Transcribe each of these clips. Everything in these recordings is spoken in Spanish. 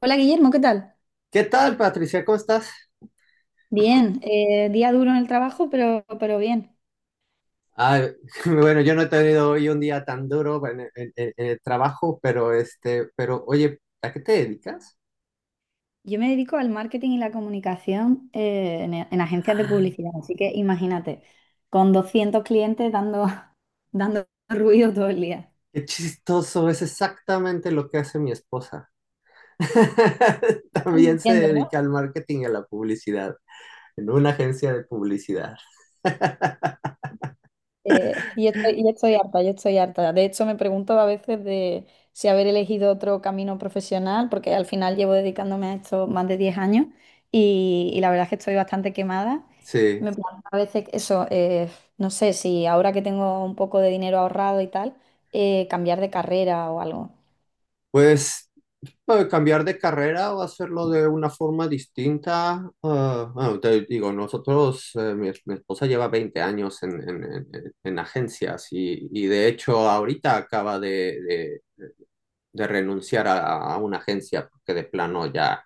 Hola Guillermo, ¿qué tal? ¿Qué tal, Patricia? ¿Cómo estás? Bien, día duro en el trabajo, pero bien. Ah, bueno, yo no he tenido hoy un día tan duro en el trabajo, pero oye, ¿a qué te dedicas? Yo me dedico al marketing y la comunicación en agencias de publicidad, así que imagínate, con 200 clientes dando, dando ruido todo el día. Qué chistoso, es exactamente lo que hace mi esposa. No También se entiendo, ¿no? dedica al marketing y a la publicidad, en una agencia de publicidad. Yo estoy harta, yo estoy harta. De hecho, me pregunto a veces de si haber elegido otro camino profesional, porque al final llevo dedicándome a esto más de 10 años y la verdad es que estoy bastante quemada. Sí, Me planteo a veces eso, no sé si ahora que tengo un poco de dinero ahorrado y tal, cambiar de carrera o algo. pues bueno, cambiar de carrera o hacerlo de una forma distinta. Bueno, te digo, nosotros, mi esposa lleva 20 años en agencias y de hecho ahorita acaba de renunciar a una agencia porque de plano ya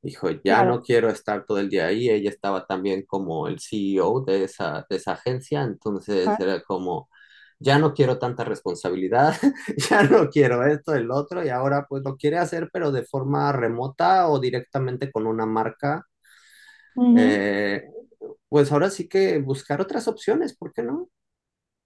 dijo, ya Claro. no quiero estar todo el día ahí. Ella estaba también como el CEO de esa agencia, entonces Ajá. era como, ya no quiero tanta responsabilidad, ya no quiero esto, el otro, y ahora pues lo quiere hacer, pero de forma remota o directamente con una marca. Ujú. Eh, pues ahora sí que buscar otras opciones, ¿por qué no?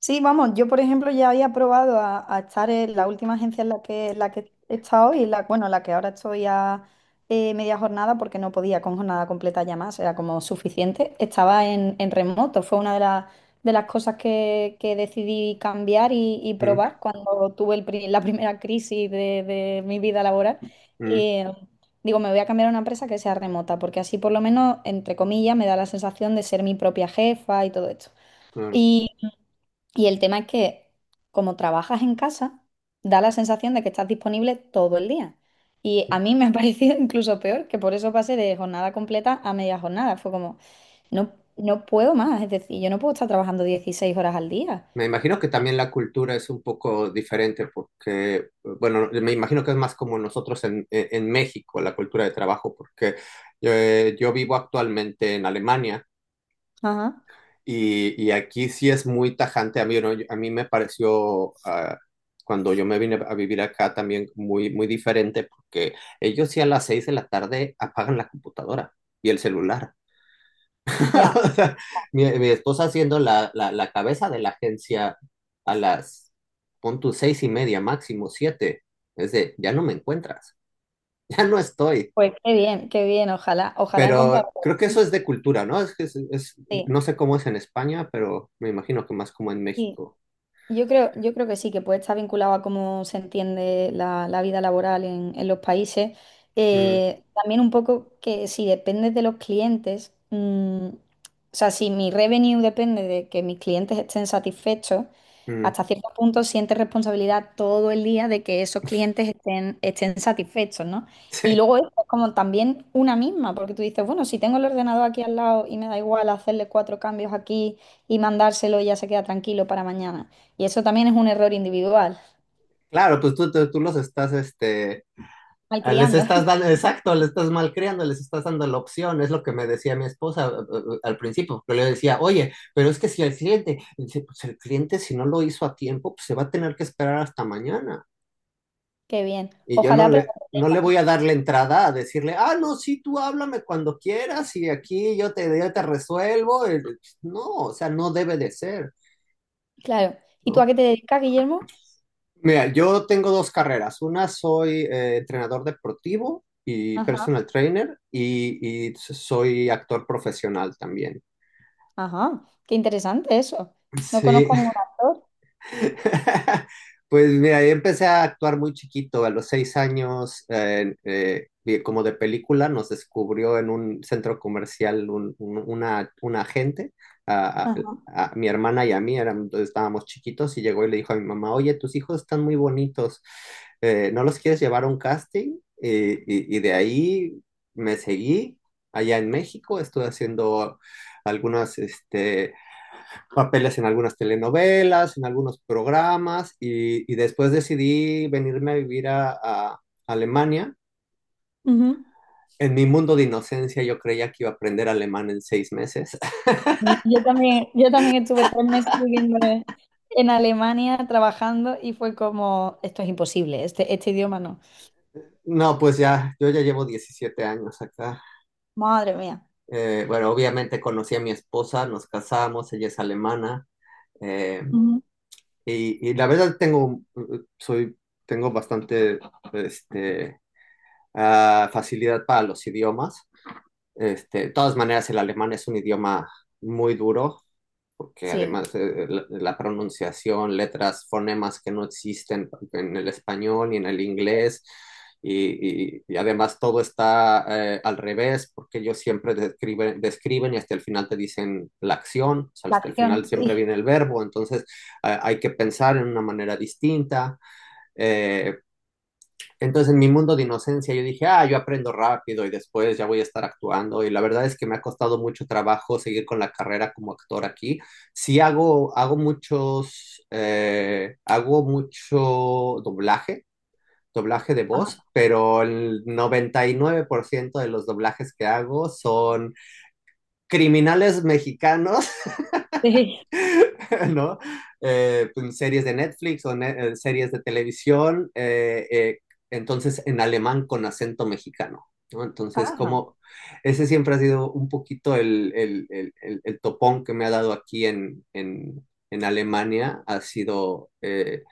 Sí, vamos, yo por ejemplo ya había probado a estar en la última agencia en la que he estado y la, bueno, la que ahora estoy a media jornada porque no podía con jornada completa ya más, era como suficiente. Estaba en remoto, fue una de las de las cosas que decidí cambiar y Mm, probar cuando tuve la primera crisis de mi vida laboral. mm, Eh, digo, me voy a cambiar a una empresa que sea remota porque así por lo menos, entre comillas, me da la sensación de ser mi propia jefa y todo esto. claro. Y el tema es que como trabajas en casa, da la sensación de que estás disponible todo el día. Y a mí me ha parecido incluso peor, que por eso pasé de jornada completa a media jornada. Fue como, no, no puedo más, es decir, yo no puedo estar trabajando 16 horas al día. Me imagino que también la cultura es un poco diferente porque, bueno, me imagino que es más como nosotros en México, la cultura de trabajo, porque yo vivo actualmente en Alemania Ajá, y aquí sí es muy tajante. A mí, ¿no? A mí me pareció, cuando yo me vine a vivir acá también muy, muy diferente porque ellos sí a las 6 de la tarde apagan la computadora y el celular. ya. O sea, mi esposa haciendo la cabeza de la agencia a las, pon tu 6:30, máximo 7. Es de, ya no me encuentras, ya no estoy. Pues qué bien, ojalá, ojalá encontrar. Pero creo que eso es de cultura, ¿no? Es que Sí, no sé cómo es en España, pero me imagino que más como en sí. México. Yo creo que sí, que puede estar vinculado a cómo se entiende la, la vida laboral en los países. Mm, También un poco que si depende de los clientes, mm, o sea, si mi revenue depende de que mis clientes estén satisfechos, mm. hasta cierto punto sientes responsabilidad todo el día de que esos clientes estén satisfechos, ¿no? Y Sí. luego es como también una misma, porque tú dices, bueno, si tengo el ordenador aquí al lado y me da igual hacerle cuatro cambios aquí y mandárselo y ya se queda tranquilo para mañana. Y eso también es un error individual. Claro, pues tú los estás, ah, les Malcriando. estás dando, exacto, les estás malcriando, les estás dando la opción, es lo que me decía mi esposa al principio, que le decía, oye, pero es que si el cliente, dice, pues el cliente si no lo hizo a tiempo, pues se va a tener que esperar hasta mañana. Qué bien. Y yo Ojalá no aprenda. le, no le voy a dar la entrada a decirle, ah, no, sí, tú háblame cuando quieras y aquí yo te resuelvo. No, o sea, no debe de ser, Claro. ¿Y tú a ¿no? qué te dedicas, Guillermo? Mira, yo tengo dos carreras. Una soy entrenador deportivo y Ajá. personal trainer y soy actor profesional también. Ajá. Qué interesante eso. No Sí, conozco a ningún actor. pues mira, yo empecé a actuar muy chiquito, a los 6 años, y como de película, nos descubrió en un centro comercial un agente, a, Ajá. a- a mi hermana y a mí, estábamos chiquitos, y llegó y le dijo a mi mamá, oye, tus hijos están muy bonitos, ¿no los quieres llevar a un casting? Y de ahí me seguí allá en México, estuve haciendo algunos papeles en algunas telenovelas, en algunos programas y después decidí venirme a vivir a Alemania. Ujú. En mi mundo de inocencia yo creía que iba a aprender alemán en 6 meses. Yo también estuve 3 meses viviendo en Alemania trabajando y fue como, esto es imposible, este idioma no. No, pues ya, yo ya llevo 17 años acá. Madre mía. Bueno, obviamente conocí a mi esposa, nos casamos, ella es alemana. eh, Ujú. y la verdad soy, tengo bastante este, facilidad para los idiomas. De todas maneras, el alemán es un idioma muy duro, porque Sí. además la pronunciación, letras, fonemas que no existen en el español ni en el inglés, y además todo está al revés, porque ellos siempre describen y hasta el final te dicen la acción, o sea, La hasta el acción, final siempre sí. viene el verbo, entonces hay que pensar en una manera distinta. Eh, entonces, en mi mundo de inocencia, yo dije, ah, yo aprendo rápido y después ya voy a estar actuando. Y la verdad es que me ha costado mucho trabajo seguir con la carrera como actor aquí. Sí, hago mucho doblaje, doblaje de Ajá. voz, pero el 99% de los doblajes que hago son criminales mexicanos Sí. ¿no? Pues, series de Netflix o series de televisión, entonces en alemán con acento mexicano, ¿no? Entonces, Ajá. como ese siempre ha sido un poquito el topón que me ha dado aquí en Alemania, ha sido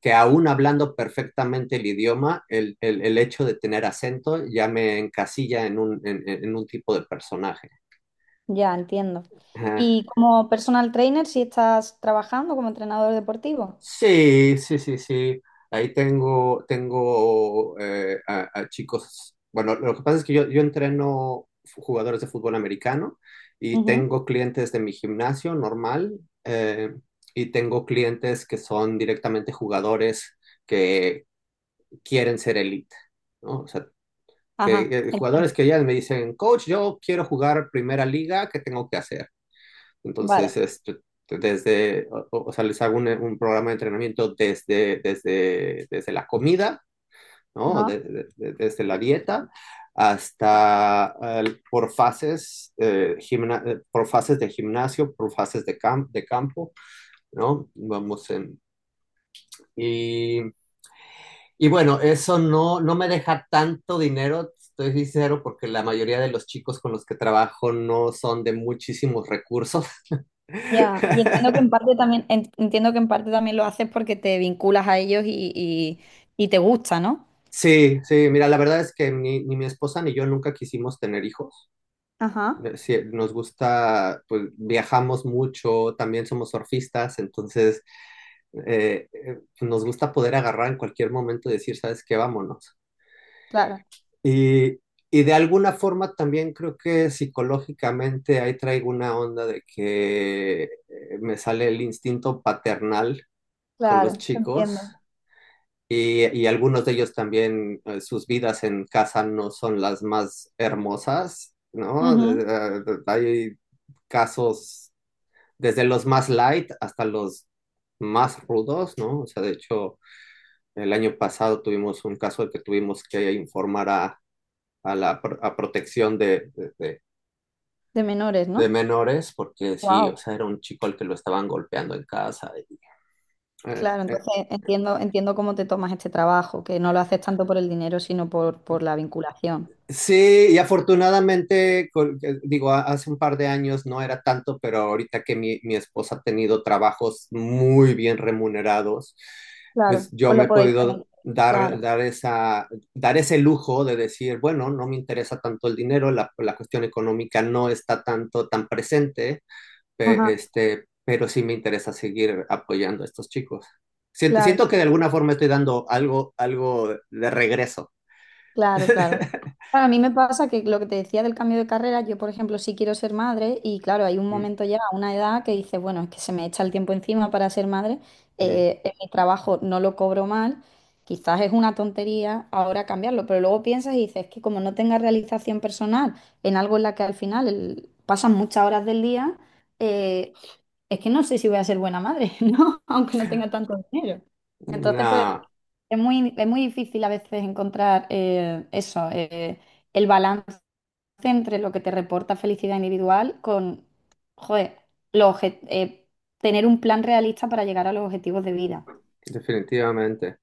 que aún hablando perfectamente el idioma, el hecho de tener acento ya me encasilla en un tipo de personaje. Ya, entiendo. Ajá. ¿Y como personal trainer, si estás trabajando como entrenador deportivo? Sí, sí, sí, sí. Ahí tengo a chicos. Bueno, lo que pasa es que yo entreno jugadores de fútbol americano y Ujú. tengo clientes de mi gimnasio normal eh, y tengo clientes que son directamente jugadores que quieren ser elite, ¿no? O sea, Ajá, que, jugadores entiendo. que ya me dicen, coach, yo quiero jugar primera liga, ¿qué tengo que hacer? Entonces, Vale. O sea, les hago un programa de entrenamiento desde la comida, ¿no? Ajá. Desde la dieta hasta por fases de gimnasio, por fases de campo, ¿no? Vamos en... Y, y bueno, eso no me deja tanto dinero, estoy sincero, porque la mayoría de los chicos con los que trabajo no son de muchísimos recursos. Ya. Y entiendo que en parte también, entiendo que en parte también lo haces porque te vinculas a ellos y te gusta, ¿no? Sí, sí, mira, la verdad es que ni mi esposa ni yo nunca quisimos tener hijos. Ajá, Sí, nos gusta, pues viajamos mucho, también somos surfistas, entonces nos gusta poder agarrar en cualquier momento y decir, ¿sabes qué? Vámonos. claro, Y, y de alguna forma también creo que psicológicamente ahí traigo una onda de que me sale el instinto paternal con los claro, chicos. entiendo. Y algunos de ellos también, sus vidas en casa no son las más hermosas, ¿no? Ujú. Hay casos desde los más light hasta los más rudos, ¿no? O sea, de hecho, el año pasado tuvimos un caso de que tuvimos que informar a protección de, de, de- De menores, de ¿no? menores, porque sí, o Wow. sea, era un chico al que lo estaban golpeando en casa. Eh, Claro, eh, entonces entiendo, entiendo cómo te tomas este trabajo, que no lo haces tanto por el dinero, sino por la vinculación. Sí, y afortunadamente, digo, hace un par de años no era tanto, pero ahorita que mi esposa ha tenido trabajos muy bien remunerados, Claro, pues yo os me he lo podéis podido permitir. dar, Claro. dar esa, dar ese lujo de decir, bueno, no me interesa tanto el dinero, la cuestión económica no está tanto tan presente, pe- Ajá. este, pero sí me interesa seguir apoyando a estos chicos. Siento, Claro, siento que de alguna forma estoy dando algo de regreso. claro, claro. Claro, a mí me pasa que lo que te decía del cambio de carrera, yo por ejemplo sí quiero ser madre y claro, hay un Mm, momento ya, una edad que dices, bueno, es que se me echa el tiempo encima para ser madre, mm. En mi trabajo no lo cobro mal, quizás es una tontería ahora cambiarlo, pero luego piensas y dices, es que como no tenga realización personal en algo en la que al final pasan muchas horas del día, eh, es que no sé si voy a ser buena madre, ¿no? Aunque no tenga tanto dinero. Entonces, Una, pues es muy difícil a veces encontrar eso, el balance entre lo que te reporta felicidad individual con, joder, los obje- eh, tener un plan realista para llegar a los objetivos de vida. Definitivamente,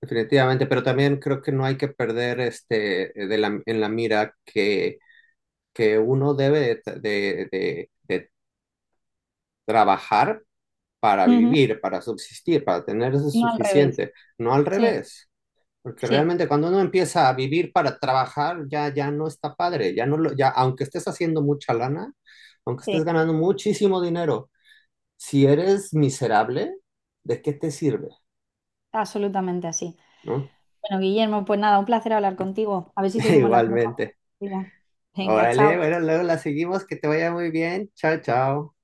definitivamente, pero también creo que no hay que perder en la mira que uno debe de trabajar para Ujú. vivir, para subsistir, para tener eso No al revés. suficiente, no al Sí, revés, porque sí, realmente cuando uno empieza a vivir para trabajar ya no está padre, ya no lo, ya aunque estés haciendo mucha lana, aunque estés sí, ganando muchísimo dinero, si eres miserable, ¿de qué te sirve? absolutamente así. ¿No? Bueno, Guillermo, pues nada, un placer hablar contigo. A ver si seguimos la Igualmente. conversación. Venga, Órale, chao. bueno, luego la seguimos, que te vaya muy bien. Chao, chao.